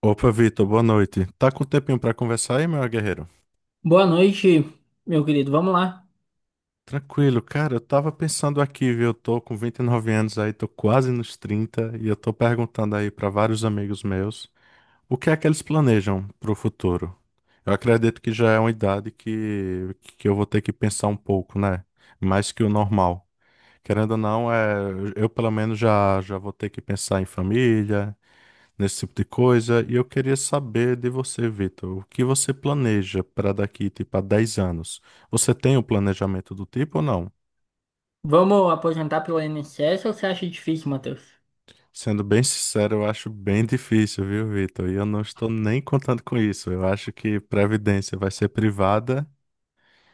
Opa, Vitor, boa noite. Tá com tempinho pra conversar aí, meu guerreiro? Boa noite, meu querido. Vamos lá. Tranquilo, cara, eu tava pensando aqui, viu? Eu tô com 29 anos aí, tô quase nos 30 e eu tô perguntando aí pra vários amigos meus o que é que eles planejam pro futuro. Eu acredito que já é uma idade que eu vou ter que pensar um pouco, né? Mais que o normal. Querendo ou não, eu pelo menos já vou ter que pensar em família, nesse tipo de coisa. E eu queria saber de você, Vitor, o que você planeja para daqui, tipo, a 10 anos? Você tem um planejamento do tipo ou não? Vamos aposentar pelo INSS ou você acha difícil, Matheus? Sendo bem sincero, eu acho bem difícil, viu, Vitor? E eu não estou nem contando com isso. Eu acho que previdência vai ser privada.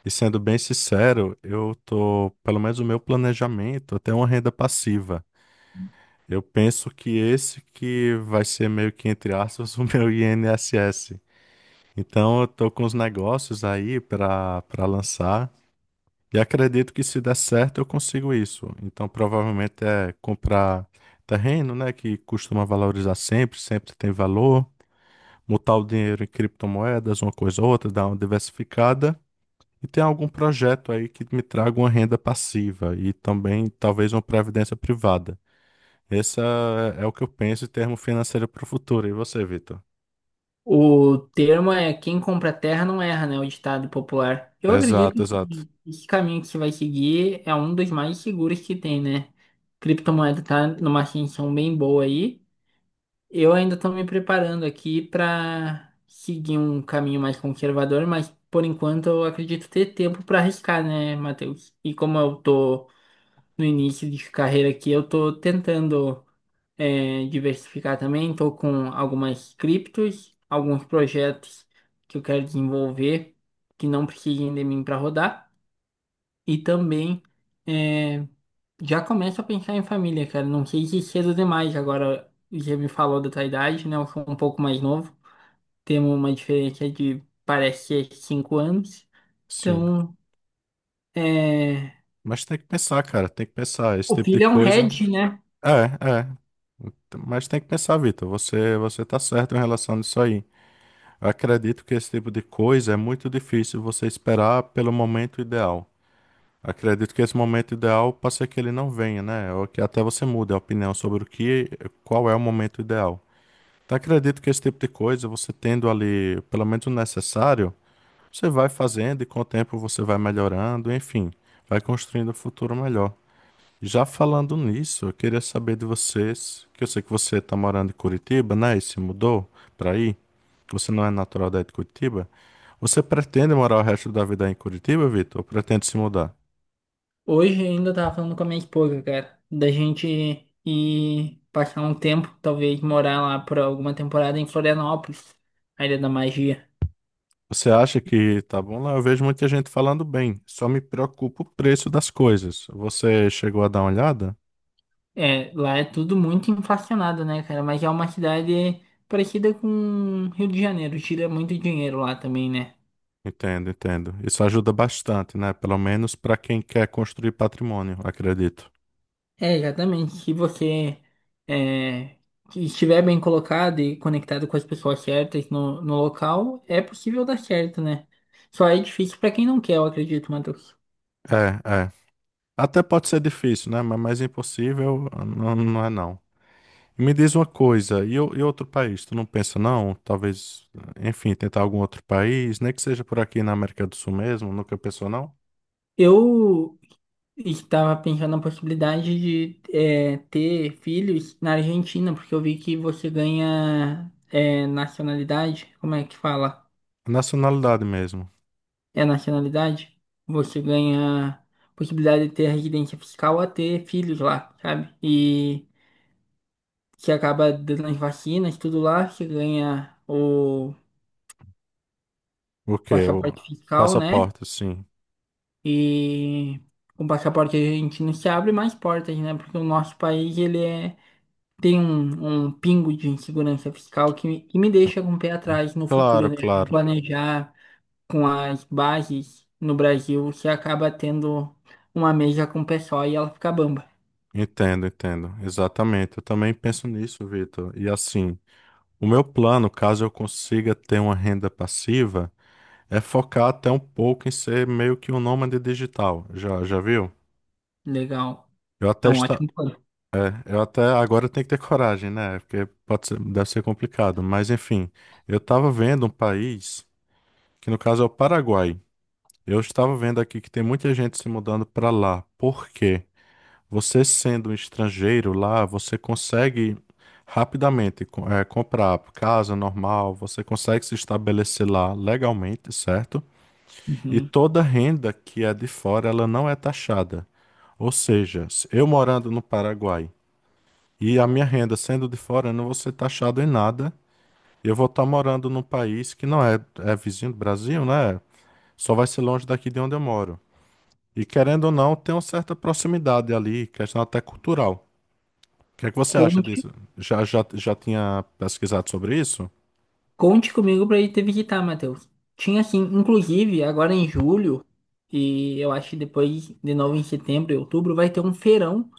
E sendo bem sincero, eu tô, pelo menos o meu planejamento, até uma renda passiva. Eu penso que esse que vai ser meio que, entre aspas, o meu INSS. Então eu tô com os negócios aí para lançar e acredito que se der certo eu consigo isso. Então provavelmente é comprar terreno, né, que costuma valorizar sempre, sempre tem valor, mutar o dinheiro em criptomoedas, uma coisa ou outra, dar uma diversificada e tem algum projeto aí que me traga uma renda passiva e também talvez uma previdência privada. Esse é o que eu penso em termo financeiro para o futuro. E você, Vitor? O termo é quem compra terra não erra, né? O ditado popular. Eu acredito Exato, exato. que esse caminho que você vai seguir é um dos mais seguros que tem, né? Criptomoeda tá numa ascensão bem boa aí. Eu ainda estou me preparando aqui para seguir um caminho mais conservador, mas por enquanto eu acredito ter tempo para arriscar, né, Matheus? E como eu tô no início de carreira aqui, eu tô tentando diversificar também, tô com algumas criptos, alguns projetos que eu quero desenvolver que não precisem de mim para rodar e também é, já começo a pensar em família, cara. Não sei se cedo demais agora, já me falou da tua idade, né? Eu sou um pouco mais novo, temos uma diferença de parece ser 5 anos, Sim. então é, Mas tem que pensar, cara, tem que pensar. Esse o tipo de filho é um coisa. head, né? É, é. Mas tem que pensar, Vitor. Você tá certo em relação a isso aí. Eu acredito que esse tipo de coisa é muito difícil você esperar pelo momento ideal. Acredito que esse momento ideal pode ser que ele não venha, né? Ou que até você mude a opinião sobre o que, qual é o momento ideal. Então acredito que esse tipo de coisa, você tendo ali pelo menos o necessário, você vai fazendo e com o tempo você vai melhorando, enfim, vai construindo um futuro melhor. Já falando nisso, eu queria saber de vocês, que eu sei que você está morando em Curitiba, né? E se mudou para aí. Você não é natural daí de Curitiba. Você pretende morar o resto da vida aí em Curitiba, Vitor? Ou pretende se mudar? Hoje ainda eu tava falando com a minha esposa, cara, da gente ir passar um tempo, talvez morar lá por alguma temporada em Florianópolis, a Ilha da Magia. Você acha que tá bom lá? Eu vejo muita gente falando bem. Só me preocupa o preço das coisas. Você chegou a dar uma olhada? É, lá é tudo muito inflacionado, né, cara? Mas é uma cidade parecida com Rio de Janeiro, tira muito dinheiro lá também, né? Entendo, entendo. Isso ajuda bastante, né? Pelo menos para quem quer construir patrimônio, acredito. É, exatamente. Se você é, estiver bem colocado e conectado com as pessoas certas no local, é possível dar certo, né? Só é difícil pra quem não quer, eu acredito, Matheus. É, é. Até pode ser difícil, né? Mas mais impossível ah, não, não é não. Me diz uma coisa, e outro país? Tu não pensa não? Talvez, enfim, tentar algum outro país, nem que seja por aqui na América do Sul mesmo, nunca pensou não? Eu estava pensando na possibilidade de ter filhos na Argentina, porque eu vi que você ganha nacionalidade. Como é que fala? Nacionalidade mesmo. É nacionalidade? Você ganha possibilidade de ter residência fiscal a ter filhos lá, sabe? E você acaba dando as vacinas, tudo lá, você ganha o O quê? O passaporte fiscal, né? passaporte, sim. E com o passaporte argentino se abre mais portas, né? Porque o nosso país, ele tem um pingo de insegurança fiscal que me deixa com o pé atrás no futuro, Claro, né? claro. Planejar com as bases no Brasil, você acaba tendo uma mesa com o pessoal e ela fica bamba. Entendo, entendo. Exatamente. Eu também penso nisso, Vitor. E assim, o meu plano, caso eu consiga ter uma renda passiva, é focar até um pouco em ser meio que um nômade digital. Já viu? Legal. Eu É até, um esta... ótimo plano. eu até agora tenho que ter coragem, né? Porque deve ser complicado. Mas enfim, eu estava vendo um país, que no caso é o Paraguai. Eu estava vendo aqui que tem muita gente se mudando para lá. Por quê? Você sendo um estrangeiro lá, você consegue rapidamente comprar casa normal, você consegue se estabelecer lá legalmente, certo? E Uhum. toda renda que é de fora, ela não é taxada. Ou seja, se eu morando no Paraguai e a minha renda sendo de fora, eu não vou ser taxado em nada. Eu vou estar morando num país que não é, é vizinho do Brasil, né? Só vai ser longe daqui de onde eu moro. E querendo ou não, tem uma certa proximidade ali, questão até cultural. O que é que você acha Conte, disso? Já tinha pesquisado sobre isso? conte comigo para ir te visitar, Matheus. Tinha assim, inclusive, agora em julho, e eu acho que depois, de novo em setembro e outubro, vai ter um feirão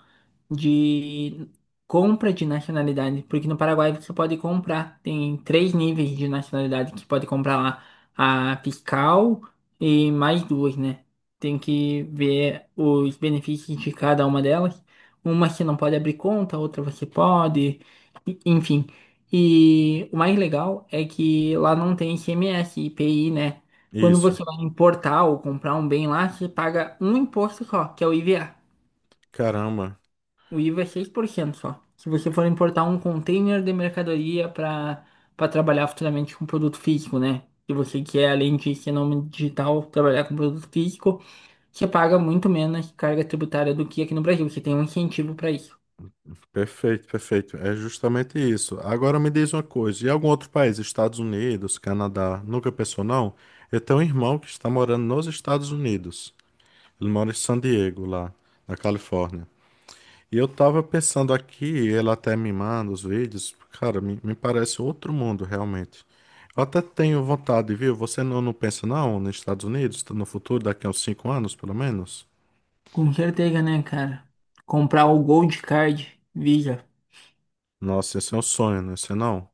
de compra de nacionalidade, porque no Paraguai você pode comprar, tem três níveis de nacionalidade que pode comprar lá, a fiscal e mais duas, né? Tem que ver os benefícios de cada uma delas. Uma você não pode abrir conta, outra você pode, enfim. E o mais legal é que lá não tem ICMS, IPI, né? Quando Isso. você vai importar ou comprar um bem lá, você paga um imposto só, que é o IVA. Caramba. O IVA é 6% só. Se você for importar um container de mercadoria para trabalhar futuramente com produto físico, né? Se você quer, além de ser nome digital, trabalhar com produto físico, você paga muito menos carga tributária do que aqui no Brasil. Você tem um incentivo para isso. Perfeito, perfeito. É justamente isso. Agora me diz uma coisa, e algum outro país, Estados Unidos, Canadá, nunca pensou não? Eu tenho um irmão que está morando nos Estados Unidos. Ele mora em San Diego, lá na Califórnia. E eu estava pensando aqui, ele até me manda os vídeos, cara, me parece outro mundo realmente. Eu até tenho vontade, viu? Você não pensa não nos Estados Unidos, no futuro, daqui a uns 5 anos, pelo menos? Com certeza, né, cara? Comprar o Gold Card Visa. Nossa, esse é um sonho, não é isso não?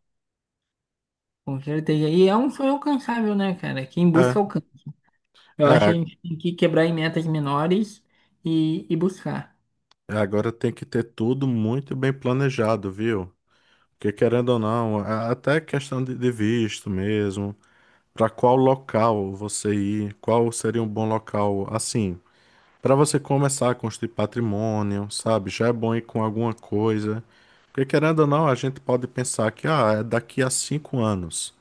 Com certeza. E é um sonho alcançável, né, cara? Quem É, busca alcança. Eu acho que a é, gente tem que quebrar em metas menores e buscar. agora tem que ter tudo muito bem planejado, viu? Porque querendo ou não, até questão de visto mesmo, para qual local você ir, qual seria um bom local, assim, para você começar a construir patrimônio, sabe? Já é bom ir com alguma coisa. Porque querendo ou não, a gente pode pensar que, ah, é daqui a 5 anos.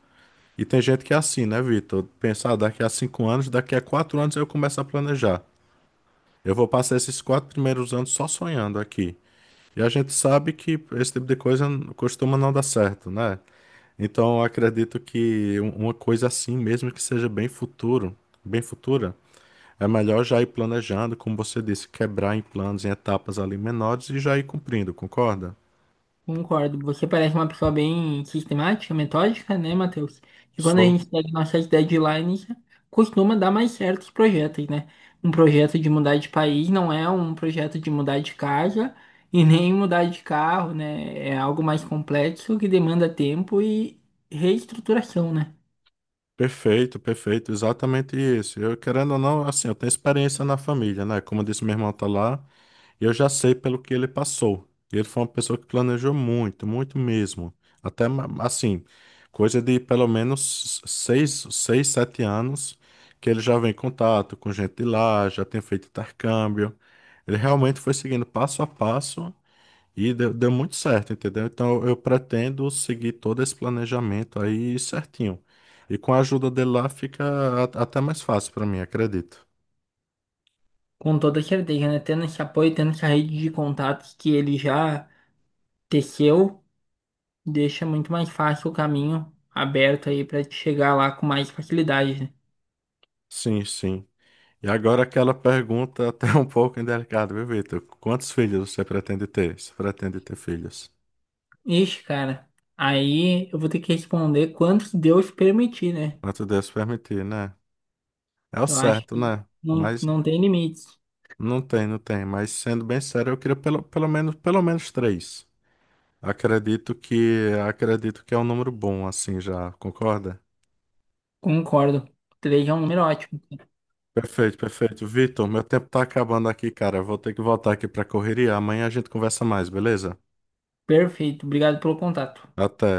E tem gente que é assim, né, Vitor? Pensar, ah, daqui a 5 anos, daqui a 4 anos eu começo a planejar. Eu vou passar esses 4 primeiros anos só sonhando aqui. E a gente sabe que esse tipo de coisa costuma não dar certo, né? Então, eu acredito que uma coisa assim, mesmo que seja bem futuro, bem futura, é melhor já ir planejando, como você disse, quebrar em planos, em etapas ali menores e já ir cumprindo, concorda? Concordo. Você parece uma pessoa bem sistemática, metódica, né, Matheus? E quando a Sou. gente segue nossas deadlines, costuma dar mais certos projetos, né? Um projeto de mudar de país não é um projeto de mudar de casa e nem mudar de carro, né? É algo mais complexo que demanda tempo e reestruturação, né? Perfeito, perfeito, exatamente isso. Eu, querendo ou não, assim, eu tenho experiência na família, né? Como eu disse, meu irmão tá lá. Eu já sei pelo que ele passou. Ele foi uma pessoa que planejou muito, muito mesmo. Até ma- assim, coisa de pelo menos seis, 7 anos que ele já vem em contato com gente de lá, já tem feito intercâmbio. Ele realmente foi seguindo passo a passo e deu muito certo, entendeu? Então eu pretendo seguir todo esse planejamento aí certinho. E com a ajuda dele lá fica até mais fácil para mim, acredito. Com toda certeza, né? Tendo esse apoio, tendo essa rede de contatos que ele já teceu, deixa muito mais fácil o caminho aberto aí para chegar lá com mais facilidade, né? Sim, sim. E agora aquela pergunta até um pouco indelicada, viu, Vitor? Quantos filhos você pretende ter? Você pretende ter filhos? Ixi, cara, aí eu vou ter que responder quanto Deus permitir, né? Quanto Deus permitir, né? É o Eu acho certo, que né? não, Mas não tem limites. não tem, não tem. Mas sendo bem sério, eu queria pelo menos três. Acredito acredito que é um número bom, assim, já, concorda? Concordo. Três é um número ótimo. Perfeito, perfeito. Vitor, meu tempo tá acabando aqui, cara. Eu vou ter que voltar aqui pra correria. Amanhã a gente conversa mais, beleza? Perfeito, obrigado pelo contato. Até.